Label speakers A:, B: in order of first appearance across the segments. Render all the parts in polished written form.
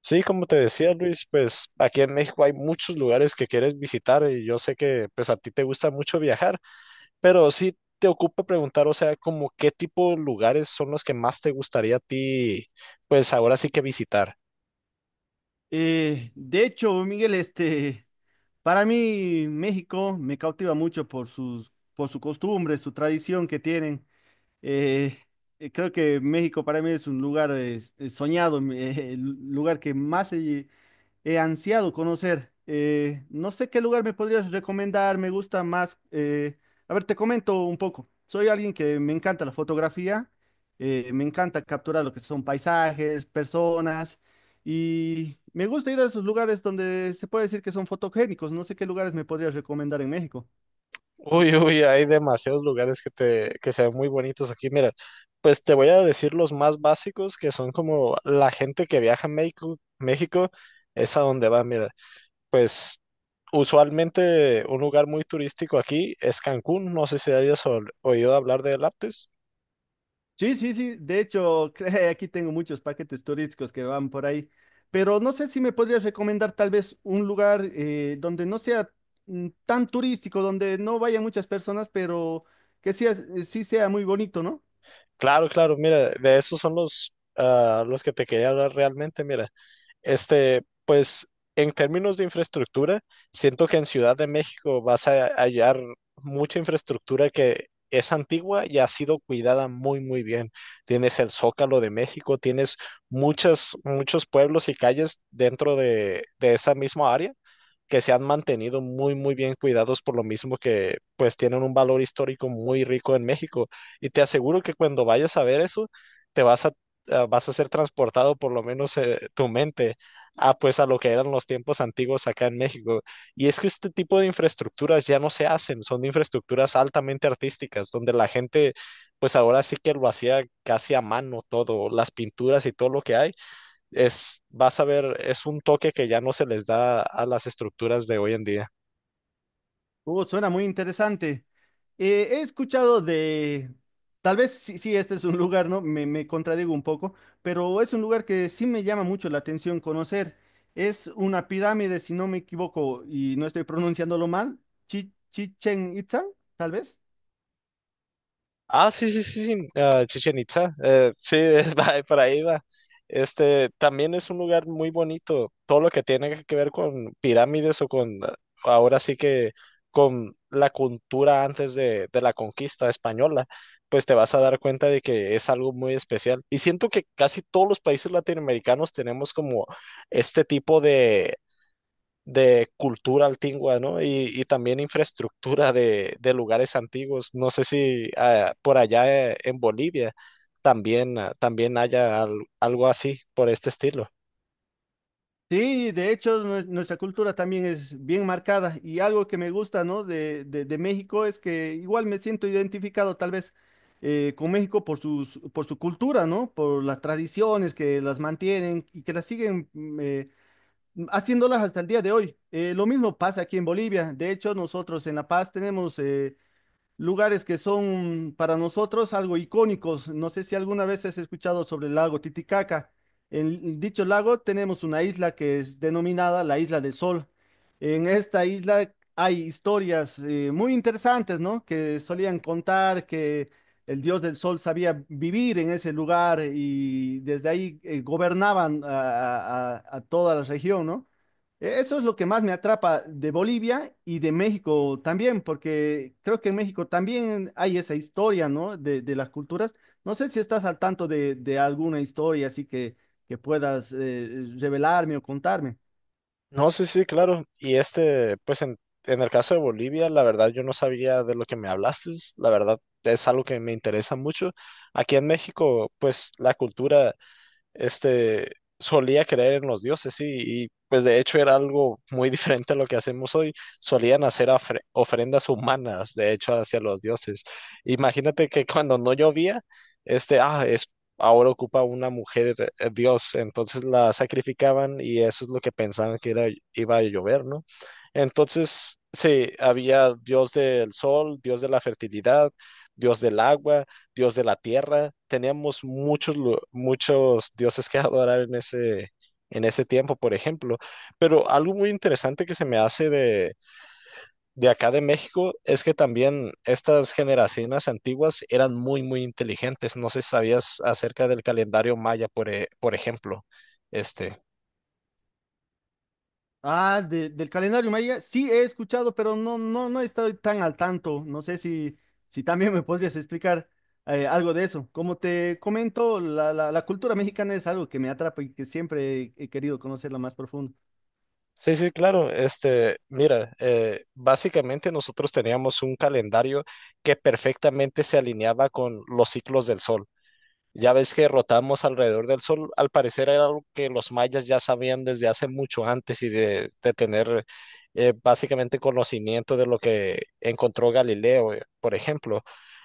A: Sí, como te decía Luis, pues aquí en México hay muchos lugares que quieres visitar y yo sé que pues a ti te gusta mucho viajar, pero sí te ocupa preguntar, o sea, como qué tipo de lugares son los que más te gustaría a ti, pues ahora sí que visitar.
B: De hecho, Miguel, para mí México me cautiva mucho por su costumbre, su tradición que tienen. Eh, Creo que México para mí es un lugar soñado, el lugar que he ansiado conocer. No sé qué lugar me podrías recomendar, me gusta más. A ver, te comento un poco. Soy alguien que me encanta la fotografía, me encanta capturar lo que son paisajes, personas, y me gusta ir a esos lugares donde se puede decir que son fotogénicos. No sé qué lugares me podrías recomendar en México.
A: Uy, uy, hay demasiados lugares que te, que se ven muy bonitos aquí. Mira, pues te voy a decir los más básicos que son como la gente que viaja a México. México es a donde va, mira. Pues usualmente un lugar muy turístico aquí es Cancún. No sé si hayas oído hablar de Aptis.
B: Sí, sí, sí. De hecho, aquí tengo muchos paquetes turísticos que van por ahí. Pero no sé si me podrías recomendar tal vez un lugar donde no sea tan turístico, donde no vayan muchas personas, pero que sea, sí sea muy bonito, ¿no?
A: Claro, claro, mira, de esos son los, ah, los que te quería hablar realmente. Mira, pues en términos de infraestructura, siento que en Ciudad de México vas a hallar mucha infraestructura que es antigua y ha sido cuidada muy, muy bien. Tienes el Zócalo de México, tienes muchas, muchos pueblos y calles dentro de esa misma área que se han mantenido muy, muy bien cuidados por lo mismo que pues tienen un valor histórico muy rico en México. Y te aseguro que cuando vayas a ver eso, te vas a, vas a ser transportado por lo menos tu mente a pues a lo que eran los tiempos antiguos acá en México. Y es que este tipo de infraestructuras ya no se hacen, son infraestructuras altamente artísticas, donde la gente pues ahora sí que lo hacía casi a mano todo, las pinturas y todo lo que hay es, vas a ver, es un toque que ya no se les da a las estructuras de hoy en día.
B: Suena muy interesante. Eh, he escuchado de, tal vez sí, sí, este es un lugar, ¿no? Me contradigo un poco, pero es un lugar que sí me llama mucho la atención conocer. Es una pirámide, si no me equivoco y no estoy pronunciándolo mal, Chichen Itza, tal vez.
A: Ah, sí, sí, sí, sí, ah, Chichen Itza. Sí, es, por ahí va. Este también es un lugar muy bonito. Todo lo que tiene que ver con pirámides o con, ah, ahora sí que con la cultura antes de la conquista española, pues te vas a dar cuenta de que es algo muy especial. Y siento que casi todos los países latinoamericanos tenemos como este tipo de cultura antigua, ¿no? Y también infraestructura de lugares antiguos. No sé si por allá en Bolivia también, ah, también haya algo así por este estilo.
B: Sí, de hecho, nuestra cultura también es bien marcada y algo que me gusta, ¿no? De México es que igual me siento identificado tal vez con México por su cultura, ¿no? Por las tradiciones que las mantienen y que las siguen haciéndolas hasta el día de hoy. Lo mismo pasa aquí en Bolivia. De hecho, nosotros en La Paz tenemos lugares que son para nosotros algo icónicos. No sé si alguna vez has escuchado sobre el lago Titicaca. En dicho lago tenemos una isla que es denominada la Isla del Sol. En esta isla hay historias muy interesantes, ¿no? Que solían contar que el dios del sol sabía vivir en ese lugar y desde ahí gobernaban a toda la región, ¿no? Eso es lo que más me atrapa de Bolivia y de México también, porque creo que en México también hay esa historia, ¿no? De las culturas. No sé si estás al tanto de alguna historia así que puedas revelarme o contarme.
A: No, sí, sí, claro. Y este, pues en el caso de Bolivia, la verdad yo no sabía de lo que me hablaste. La verdad es algo que me interesa mucho. Aquí en México, pues la cultura este, solía creer en los dioses, sí y pues de hecho era algo muy diferente a lo que hacemos hoy. Solían hacer ofrendas humanas, de hecho, hacia los dioses. Imagínate que cuando no llovía, este, ah, es, ahora ocupa una mujer dios, entonces la sacrificaban y eso es lo que pensaban que iba a llover, ¿no? Entonces, sí, había dios del sol, dios de la fertilidad, dios del agua, dios de la tierra. Teníamos muchos, muchos dioses que adorar en ese tiempo, por ejemplo. Pero algo muy interesante que se me hace de acá de México es que también estas generaciones antiguas eran muy, muy inteligentes. No sé si sabías acerca del calendario maya, por, por ejemplo. Este.
B: Ah, del calendario maya, sí he escuchado, pero no, no, no estoy tan al tanto. No sé si, si también me podrías explicar algo de eso. Como te comento, la cultura mexicana es algo que me atrapa y que siempre he querido conocerla más profundo.
A: Sí, sí, claro. Este, mira, básicamente nosotros teníamos un calendario que perfectamente se alineaba con los ciclos del sol. Ya ves que rotamos alrededor del Sol, al parecer era algo que los mayas ya sabían desde hace mucho antes y de tener básicamente conocimiento de lo que encontró Galileo, por ejemplo.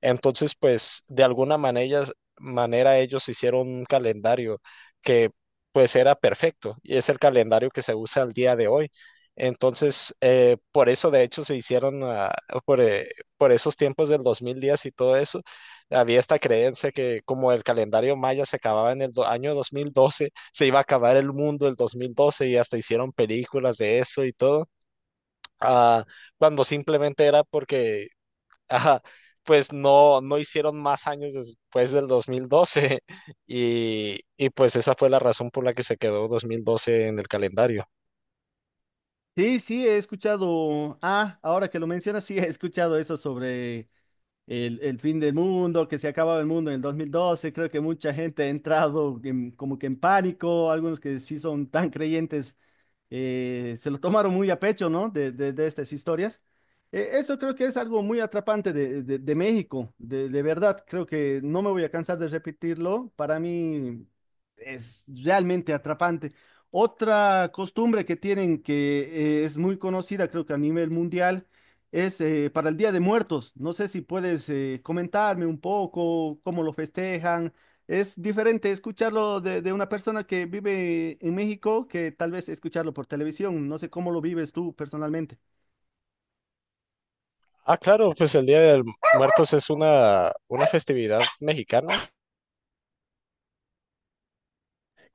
A: Entonces, pues de alguna manera, manera ellos hicieron un calendario que pues era perfecto y es el calendario que se usa al día de hoy. Entonces, por eso de hecho se hicieron ah, por, eh, por esos tiempos del dos mil días y todo eso había esta creencia que como el calendario maya se acababa en el año 2012, se iba a acabar el mundo el 2012 y hasta hicieron películas de eso y todo, ah, cuando simplemente era porque ah, pues no, no hicieron más años después del 2012 y pues esa fue la razón por la que se quedó 2012 en el calendario.
B: Sí, sí, he escuchado. Ah, ahora que lo mencionas, sí, he escuchado eso sobre el fin del mundo, que se acababa el mundo en el 2012. Creo que mucha gente ha entrado como que en pánico, algunos que sí son tan creyentes se lo tomaron muy a pecho, ¿no? De estas historias. Eso creo que es algo muy atrapante de, de México, de verdad, creo que no me voy a cansar de repetirlo, para mí es realmente atrapante. Otra costumbre que tienen que es muy conocida, creo que a nivel mundial, es para el Día de Muertos. No sé si puedes comentarme un poco cómo lo festejan, es diferente escucharlo de una persona que vive en México que tal vez escucharlo por televisión. No sé cómo lo vives tú personalmente.
A: Ah, claro, pues el Día de Muertos es una festividad mexicana,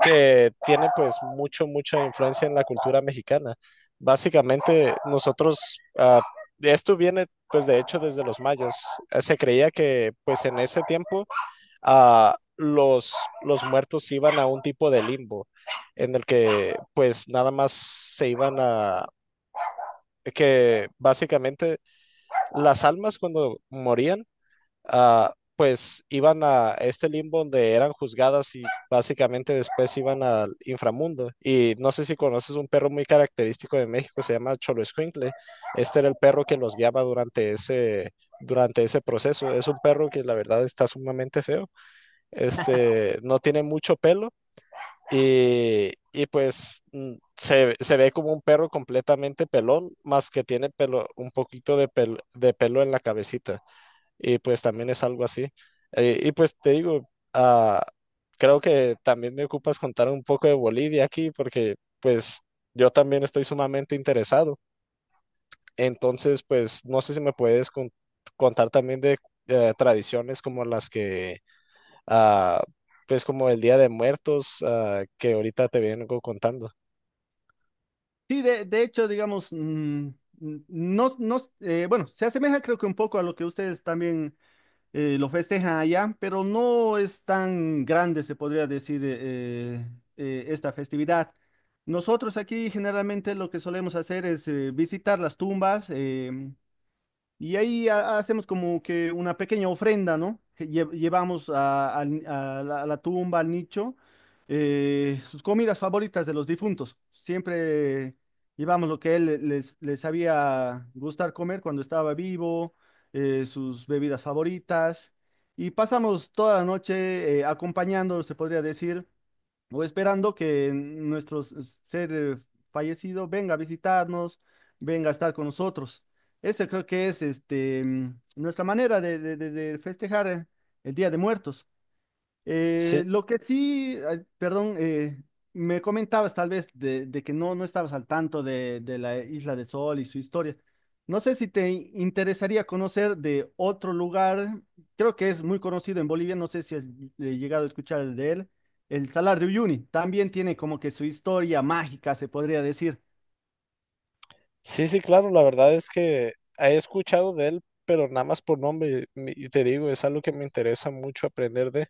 A: que tiene pues mucho, mucha influencia en la cultura mexicana. Básicamente nosotros, ah, esto viene pues de hecho desde los mayas. Se creía que pues en ese tiempo ah, los muertos iban a un tipo de limbo en el que pues nada más se iban a... que básicamente las almas cuando morían ah, pues iban a este limbo donde eran juzgadas y básicamente después iban al inframundo. Y no sé si conoces un perro muy característico de México, se llama Xoloescuincle. Este era el perro que los guiaba durante ese proceso. Es un perro que la verdad está sumamente feo. Este, no tiene mucho pelo. Y pues mm, se ve como un perro completamente pelón, más que tiene pelo, un poquito de, de pelo en la cabecita y pues también es algo así. Y pues te digo, ah, creo que también me ocupas contar un poco de Bolivia aquí porque pues yo también estoy sumamente interesado. Entonces, pues no sé si me puedes contar también de tradiciones como las que, ah, pues como el Día de Muertos, ah, que ahorita te vengo contando.
B: Sí, de hecho, digamos, no, no, bueno, se asemeja creo que un poco a lo que ustedes también lo festejan allá, pero no es tan grande, se podría decir, esta festividad. Nosotros aquí generalmente lo que solemos hacer es visitar las tumbas. Y ahí hacemos como que una pequeña ofrenda, ¿no? Que llevamos a la tumba, al nicho, sus comidas favoritas de los difuntos. Siempre llevamos lo que les, les sabía gustar comer cuando estaba vivo, sus bebidas favoritas. Y pasamos toda la noche acompañándolo, se podría decir, o esperando que nuestro ser fallecido venga a visitarnos, venga a estar con nosotros. Esa creo que es nuestra manera de, de festejar el Día de Muertos.
A: Sí,
B: Lo que sí, ay, perdón, me comentabas tal vez de que no, no estabas al tanto de la Isla del Sol y su historia. No sé si te interesaría conocer de otro lugar, creo que es muy conocido en Bolivia, no sé si has llegado a escuchar de él, el Salar de Uyuni. También tiene como que su historia mágica, se podría decir.
A: sí, sí, claro, la verdad es que he escuchado de él, pero nada más por nombre, y te digo, es algo que me interesa mucho aprender de.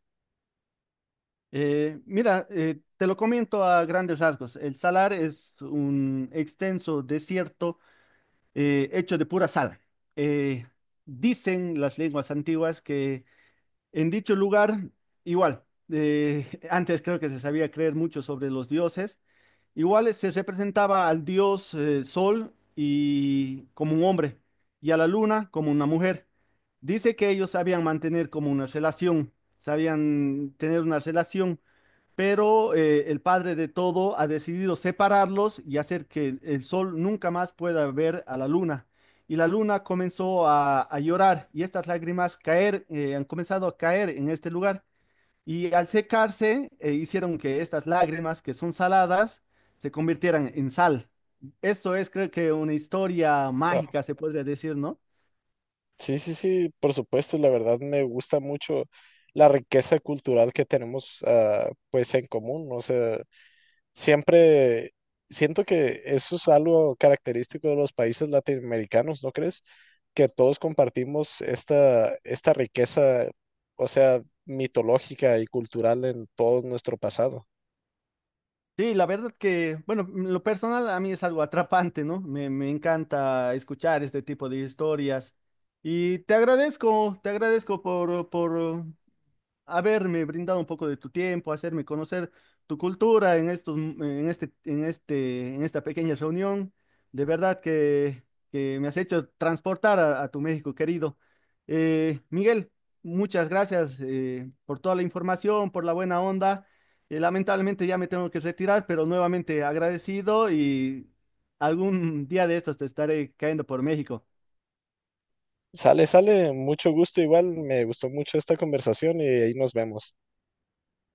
B: Te lo comento a grandes rasgos. El Salar es un extenso desierto hecho de pura sal. Eh, Dicen las lenguas antiguas que en dicho lugar, igual, antes creo que se sabía creer mucho sobre los dioses, igual se representaba al dios Sol y como un hombre y a la luna como una mujer. Dice que ellos sabían mantener como una relación, sabían tener una relación, pero el Padre de todo ha decidido separarlos y hacer que el sol nunca más pueda ver a la luna. Y la luna comenzó a llorar y estas lágrimas caer, han comenzado a caer en este lugar. Y al secarse, hicieron que estas lágrimas, que son saladas, se convirtieran en sal. Esto es, creo que, una historia
A: Wow.
B: mágica, se podría decir, ¿no?
A: Sí, sí, sí, por supuesto, la verdad me gusta mucho la riqueza cultural que tenemos ah, pues en común, o sea, siempre siento que eso es algo característico de los países latinoamericanos, ¿no crees? Que todos compartimos esta, esta riqueza, o sea, mitológica y cultural en todo nuestro pasado.
B: Sí, la verdad que, bueno, en lo personal a mí es algo atrapante, ¿no? Me encanta escuchar este tipo de historias. Y te agradezco por haberme brindado un poco de tu tiempo, hacerme conocer tu cultura en estos, en esta pequeña reunión. De verdad que me has hecho transportar a tu México querido. Miguel, muchas gracias por toda la información, por la buena onda. Lamentablemente ya me tengo que retirar, pero nuevamente agradecido y algún día de estos te estaré cayendo por México.
A: Sale, sale, mucho gusto igual, me gustó mucho esta conversación y ahí nos vemos.